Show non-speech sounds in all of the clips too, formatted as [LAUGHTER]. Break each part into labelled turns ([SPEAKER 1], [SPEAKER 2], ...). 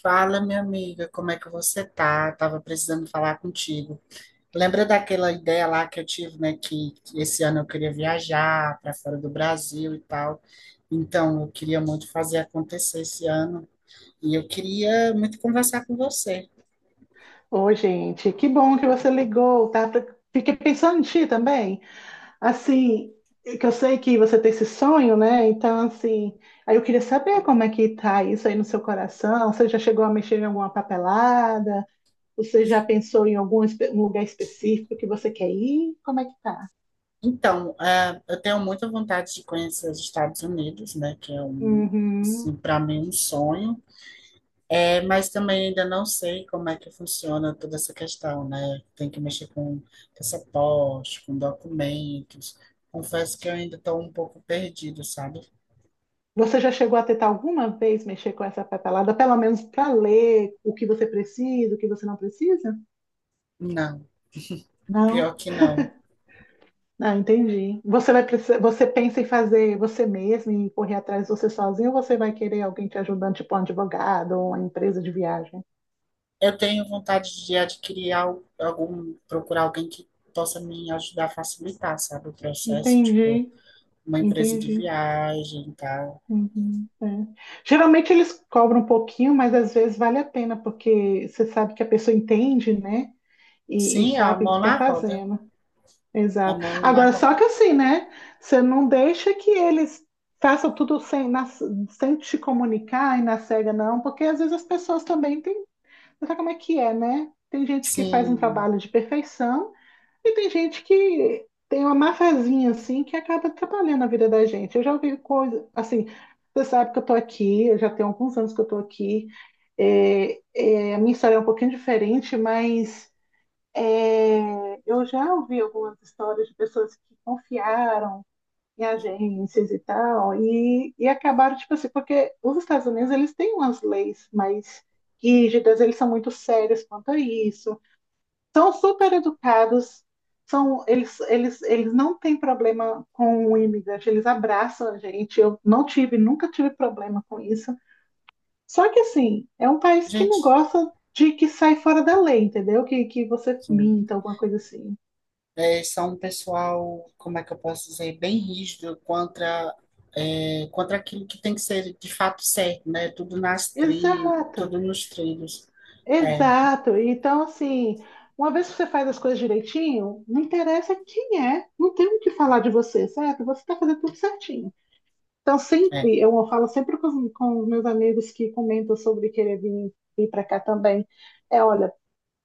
[SPEAKER 1] Fala, minha amiga, como é que você tá? Tava precisando falar contigo. Lembra daquela ideia lá que eu tive, né, que esse ano eu queria viajar para fora do Brasil e tal. Então, eu queria muito fazer acontecer esse ano e eu queria muito conversar com você.
[SPEAKER 2] Ô, gente, que bom que você ligou, tá? Fiquei pensando em ti também. Assim, que eu sei que você tem esse sonho, né? Então, assim, aí eu queria saber como é que tá isso aí no seu coração. Você já chegou a mexer em alguma papelada? Você já pensou em um lugar específico que você quer ir? Como é que tá?
[SPEAKER 1] Então, eu tenho muita vontade de conhecer os Estados Unidos, né, que é um,
[SPEAKER 2] Uhum.
[SPEAKER 1] assim, para mim um sonho. É, mas também ainda não sei como é que funciona toda essa questão, né? Tem que mexer com passaporte, com documentos. Confesso que eu ainda estou um pouco perdido, sabe?
[SPEAKER 2] Você já chegou a tentar alguma vez mexer com essa papelada, pelo menos para ler o que você precisa, o que você não precisa?
[SPEAKER 1] Não, pior
[SPEAKER 2] Não?
[SPEAKER 1] que não.
[SPEAKER 2] Ah, entendi. Você vai precisar, você pensa em fazer você mesmo, em correr atrás de você sozinho, ou você vai querer alguém te ajudando, tipo um advogado ou uma empresa de viagem?
[SPEAKER 1] Eu tenho vontade de adquirir algum, procurar alguém que possa me ajudar a facilitar, sabe, o processo, tipo,
[SPEAKER 2] Entendi,
[SPEAKER 1] uma empresa de
[SPEAKER 2] entendi.
[SPEAKER 1] viagem e tal.
[SPEAKER 2] Uhum, é. Geralmente eles cobram um pouquinho, mas às vezes vale a pena, porque você sabe que a pessoa entende, né? E
[SPEAKER 1] Sim, a
[SPEAKER 2] sabe o que
[SPEAKER 1] mão
[SPEAKER 2] está
[SPEAKER 1] na roda,
[SPEAKER 2] fazendo.
[SPEAKER 1] a
[SPEAKER 2] Exato.
[SPEAKER 1] mão na
[SPEAKER 2] Agora, só
[SPEAKER 1] roda.
[SPEAKER 2] que assim, né? Você não deixa que eles façam tudo sem te comunicar e na cega, não, porque às vezes as pessoas também têm. Mas sabe como é que é, né? Tem gente que faz um
[SPEAKER 1] Sim,
[SPEAKER 2] trabalho de perfeição e tem gente que tem uma mafazinha assim que acaba atrapalhando a vida da gente. Eu já ouvi coisa assim, você sabe que eu tô aqui, eu já tenho alguns anos que eu tô aqui. A minha história é um pouquinho diferente, mas é, eu já ouvi algumas histórias de pessoas que confiaram em agências e tal, e acabaram, tipo assim, porque os Estados Unidos, eles têm umas leis mais rígidas, eles são muito sérios quanto a isso, são super educados, são, eles não têm problema com o imigrante, eles abraçam a gente, eu não tive, nunca tive problema com isso, só que assim, é um país que não
[SPEAKER 1] gente,
[SPEAKER 2] gosta de que sai fora da lei, entendeu? Que você
[SPEAKER 1] sim.
[SPEAKER 2] minta, alguma coisa assim.
[SPEAKER 1] É, são um pessoal, como é que eu posso dizer, bem rígido contra aquilo que tem que ser de fato certo, né?
[SPEAKER 2] Exato.
[SPEAKER 1] Tudo nos trilhos. É,
[SPEAKER 2] Exato. Então, assim, uma vez que você faz as coisas direitinho, não interessa quem é, não tem o que falar de você, certo? Você está fazendo tudo certinho. Então,
[SPEAKER 1] é,
[SPEAKER 2] sempre, eu falo sempre com os meus amigos que comentam sobre querer vir para cá também, é, olha,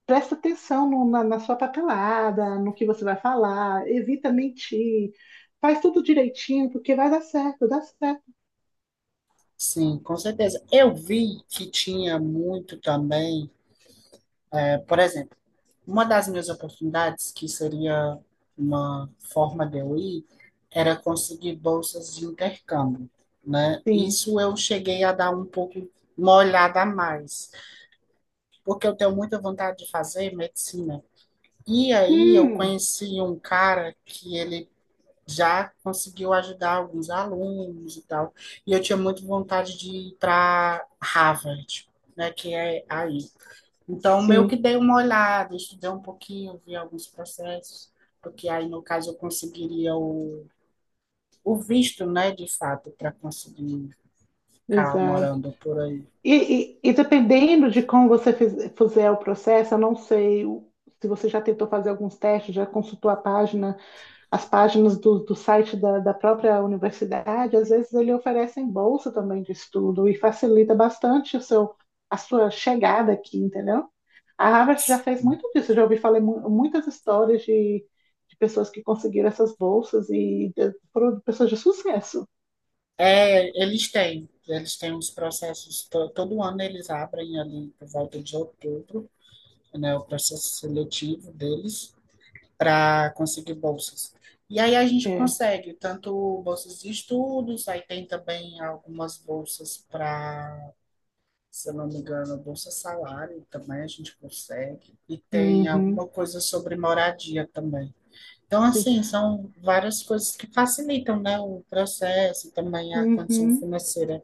[SPEAKER 2] presta atenção na sua papelada, no que você vai falar, evita mentir, faz tudo direitinho, porque vai dar certo, dá certo.
[SPEAKER 1] sim, com certeza. Eu vi que tinha muito também, é, por exemplo, uma das minhas oportunidades, que seria uma forma de eu ir, era conseguir bolsas de intercâmbio, né?
[SPEAKER 2] Sim.
[SPEAKER 1] Isso eu cheguei a dar um pouco uma olhada a mais, porque eu tenho muita vontade de fazer medicina. E aí eu
[SPEAKER 2] Hum,
[SPEAKER 1] conheci um cara que ele já conseguiu ajudar alguns alunos e tal. E eu tinha muita vontade de ir para Harvard, né, que é aí. Então, meio que
[SPEAKER 2] sim,
[SPEAKER 1] dei uma olhada, estudei um pouquinho, vi alguns processos, porque aí, no caso, eu conseguiria o visto, né, de fato, para conseguir ficar
[SPEAKER 2] exato.
[SPEAKER 1] morando por aí.
[SPEAKER 2] E dependendo de como você fizer o processo, eu não sei, se você já tentou fazer alguns testes, já consultou a página, as páginas do site da própria universidade, às vezes ele oferecem bolsa também de estudo e facilita bastante a sua chegada aqui, entendeu? A Harvard já fez muito disso, eu já ouvi falar muitas histórias de pessoas que conseguiram essas bolsas e foram pessoas de sucesso.
[SPEAKER 1] É, eles têm. Eles têm os processos, todo ano eles abrem ali por volta de outubro, né, o processo seletivo deles, para conseguir bolsas. E aí a gente
[SPEAKER 2] É.
[SPEAKER 1] consegue tanto bolsas de estudos, aí tem também algumas bolsas para, se eu não me engano, bolsa salário também a gente consegue. E tem
[SPEAKER 2] Uhum,
[SPEAKER 1] alguma coisa sobre moradia também. Então,
[SPEAKER 2] sim.
[SPEAKER 1] assim, são várias coisas que facilitam, né, o processo e também a condição
[SPEAKER 2] Uhum.
[SPEAKER 1] financeira.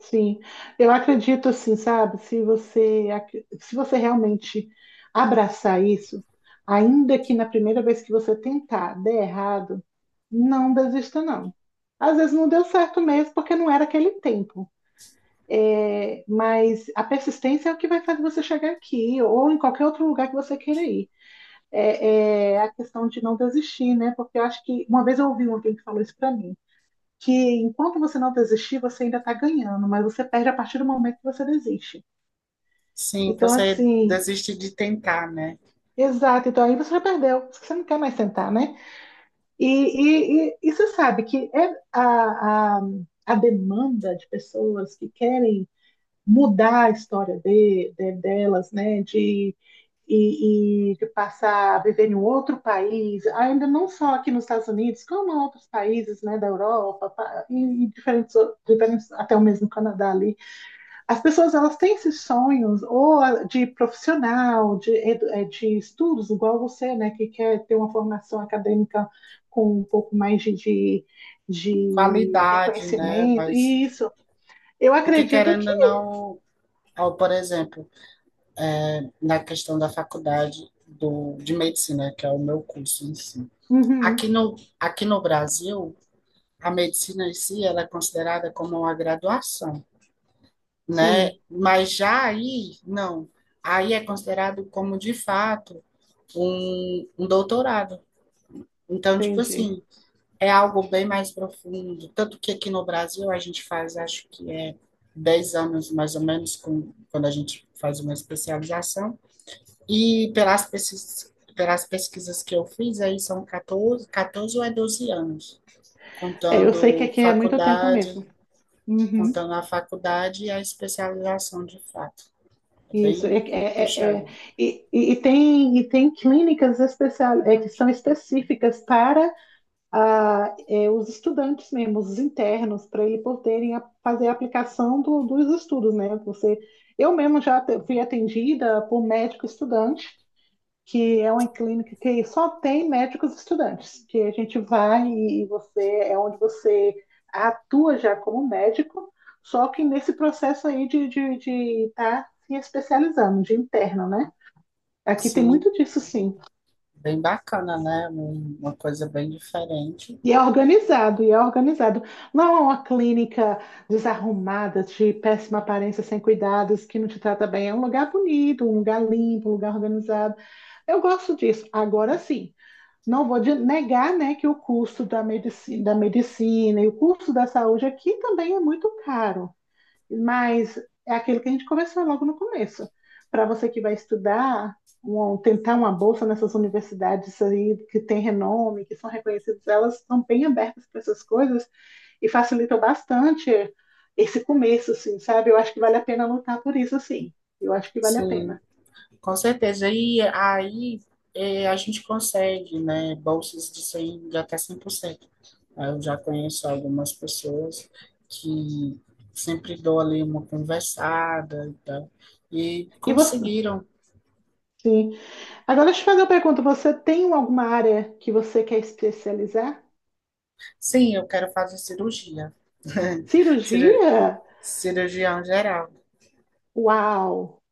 [SPEAKER 2] Sim, eu acredito assim, sabe? Se você realmente abraçar isso, ainda que na primeira vez que você tentar der errado, não desista, não. Às vezes não deu certo mesmo, porque não era aquele tempo. É, mas a persistência é o que vai fazer você chegar aqui, ou em qualquer outro lugar que você queira ir. É, é a questão de não desistir, né? Porque eu acho que uma vez eu ouvi um alguém que falou isso pra mim que enquanto você não desistir, você ainda está ganhando, mas você perde a partir do momento que você desiste.
[SPEAKER 1] Sim,
[SPEAKER 2] Então,
[SPEAKER 1] você
[SPEAKER 2] assim,
[SPEAKER 1] desiste de tentar, né?
[SPEAKER 2] exato. Então, aí você já perdeu, você não quer mais sentar, né? E você sabe que é a demanda de pessoas que querem mudar a história delas, né? E de passar a viver em um outro país, ainda não só aqui nos Estados Unidos, como em outros países, né, da Europa, e diferentes, diferentes, até o mesmo Canadá ali. As pessoas elas têm esses sonhos ou de profissional, de estudos, igual você, né, que quer ter uma formação acadêmica com um pouco mais de
[SPEAKER 1] Qualidade, né?
[SPEAKER 2] reconhecimento.
[SPEAKER 1] Mas
[SPEAKER 2] E isso, eu
[SPEAKER 1] porque
[SPEAKER 2] acredito que.
[SPEAKER 1] querendo ou não, ó, por exemplo, na questão da faculdade do, de medicina, que é o meu curso em si.
[SPEAKER 2] Uhum,
[SPEAKER 1] Aqui no Brasil, a medicina em si ela é considerada como uma graduação, né?
[SPEAKER 2] sim,
[SPEAKER 1] Mas já aí, não. Aí é considerado como, de fato, um doutorado. Então, tipo
[SPEAKER 2] entendi.
[SPEAKER 1] assim, é algo bem mais profundo. Tanto que aqui no Brasil a gente faz, acho que é 10 anos mais ou menos, com, quando a gente faz uma especialização. E pelas pesquisas que eu fiz, aí são catorze ou é 12 anos,
[SPEAKER 2] É, eu sei que
[SPEAKER 1] contando
[SPEAKER 2] aqui é muito tempo
[SPEAKER 1] faculdade,
[SPEAKER 2] mesmo. Uhum,
[SPEAKER 1] contando a faculdade e a especialização de fato. É
[SPEAKER 2] isso, é,
[SPEAKER 1] bem
[SPEAKER 2] é, é, é.
[SPEAKER 1] puxado.
[SPEAKER 2] E tem clínicas é, que são específicas para é, os estudantes mesmo, os internos, para ele poderem fazer a aplicação dos estudos, né? Você, eu mesmo já fui atendida por médico estudante, que é uma clínica que só tem médicos estudantes, que a gente vai e você é onde você atua já como médico, só que nesse processo aí de de tá se especializando, de interno, né? Aqui tem muito
[SPEAKER 1] Sim,
[SPEAKER 2] disso, sim.
[SPEAKER 1] bem bacana, né? Uma coisa bem diferente.
[SPEAKER 2] E é organizado, e é organizado. Não é uma clínica desarrumada, de péssima aparência, sem cuidados, que não te trata bem. É um lugar bonito, um lugar limpo, um lugar organizado. Eu gosto disso. Agora sim, não vou negar, né, que o custo da medicina, e o custo da saúde aqui também é muito caro. Mas é aquilo que a gente conversou logo no começo. Para você que vai estudar, tentar uma bolsa nessas universidades aí que tem renome, que são reconhecidas, elas estão bem abertas para essas coisas e facilitam bastante esse começo, assim, sabe? Eu acho que vale a pena lutar por isso, assim. Eu acho que vale a
[SPEAKER 1] Sim,
[SPEAKER 2] pena.
[SPEAKER 1] com certeza. E aí a gente consegue, né, bolsas de até 100%. Aí eu já conheço algumas pessoas que sempre dou ali uma conversada e tal, e
[SPEAKER 2] E você?
[SPEAKER 1] conseguiram.
[SPEAKER 2] Sim. Agora, deixa eu te fazer uma pergunta. Você tem alguma área que você quer especializar?
[SPEAKER 1] Sim, eu quero fazer cirurgia. [LAUGHS] Ciru-
[SPEAKER 2] Cirurgia?
[SPEAKER 1] Cirurgião geral.
[SPEAKER 2] Uau!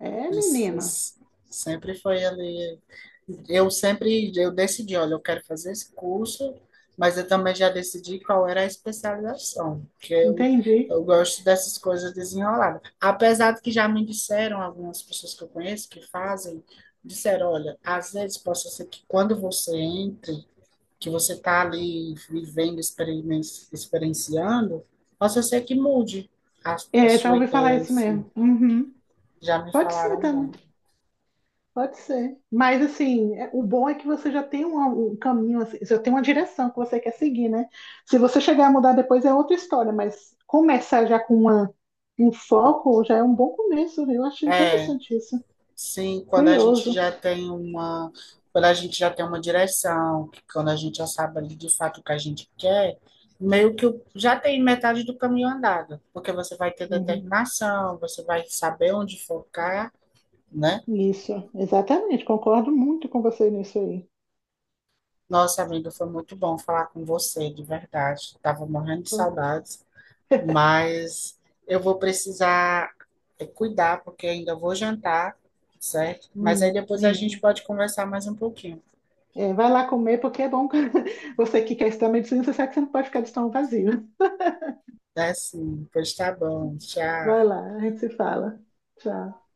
[SPEAKER 2] É, menina.
[SPEAKER 1] Essas- Sempre foi ali. Eu sempre eu decidi, olha, eu quero fazer esse curso, mas eu também já decidi qual era a especialização, porque
[SPEAKER 2] Entendi.
[SPEAKER 1] eu gosto dessas coisas desenroladas. Apesar de que já me disseram algumas pessoas que eu conheço que fazem, disseram, olha, às vezes possa ser que quando você entre, que você está ali vivendo, experienciando, possa ser que mude a, a,
[SPEAKER 2] É, já
[SPEAKER 1] sua
[SPEAKER 2] ouvi
[SPEAKER 1] ideia
[SPEAKER 2] falar
[SPEAKER 1] em
[SPEAKER 2] isso
[SPEAKER 1] si.
[SPEAKER 2] mesmo. Uhum.
[SPEAKER 1] Já me
[SPEAKER 2] Pode ser
[SPEAKER 1] falaram
[SPEAKER 2] também,
[SPEAKER 1] muito.
[SPEAKER 2] pode ser. Mas assim, o bom é que você já tem um caminho, assim, já tem uma direção que você quer seguir, né? Se você chegar a mudar depois é outra história, mas começar já com uma, um foco já é um bom começo, né? Eu acho
[SPEAKER 1] É,
[SPEAKER 2] interessante isso.
[SPEAKER 1] sim, quando a gente
[SPEAKER 2] Curioso.
[SPEAKER 1] já tem uma, quando a gente já tem uma direção, quando a gente já sabe ali de fato o que a gente quer, já tem metade do caminho andado, porque você vai ter
[SPEAKER 2] Uhum.
[SPEAKER 1] determinação, você vai saber onde focar, né?
[SPEAKER 2] Isso, exatamente, concordo muito com você nisso aí.
[SPEAKER 1] Nossa, amiga, foi muito bom falar com você, de verdade. Tava morrendo de saudades, mas eu vou precisar cuidar, porque ainda vou jantar, certo? Mas aí
[SPEAKER 2] Menino,
[SPEAKER 1] depois a
[SPEAKER 2] menino.
[SPEAKER 1] gente pode conversar mais um pouquinho.
[SPEAKER 2] É, vai lá comer, porque é bom [LAUGHS] você que quer estudar medicina, você sabe que você não pode ficar de estômago vazio.
[SPEAKER 1] Tá sim, pois tá bom.
[SPEAKER 2] Vai
[SPEAKER 1] Tchau.
[SPEAKER 2] lá, a gente se fala. Tchau.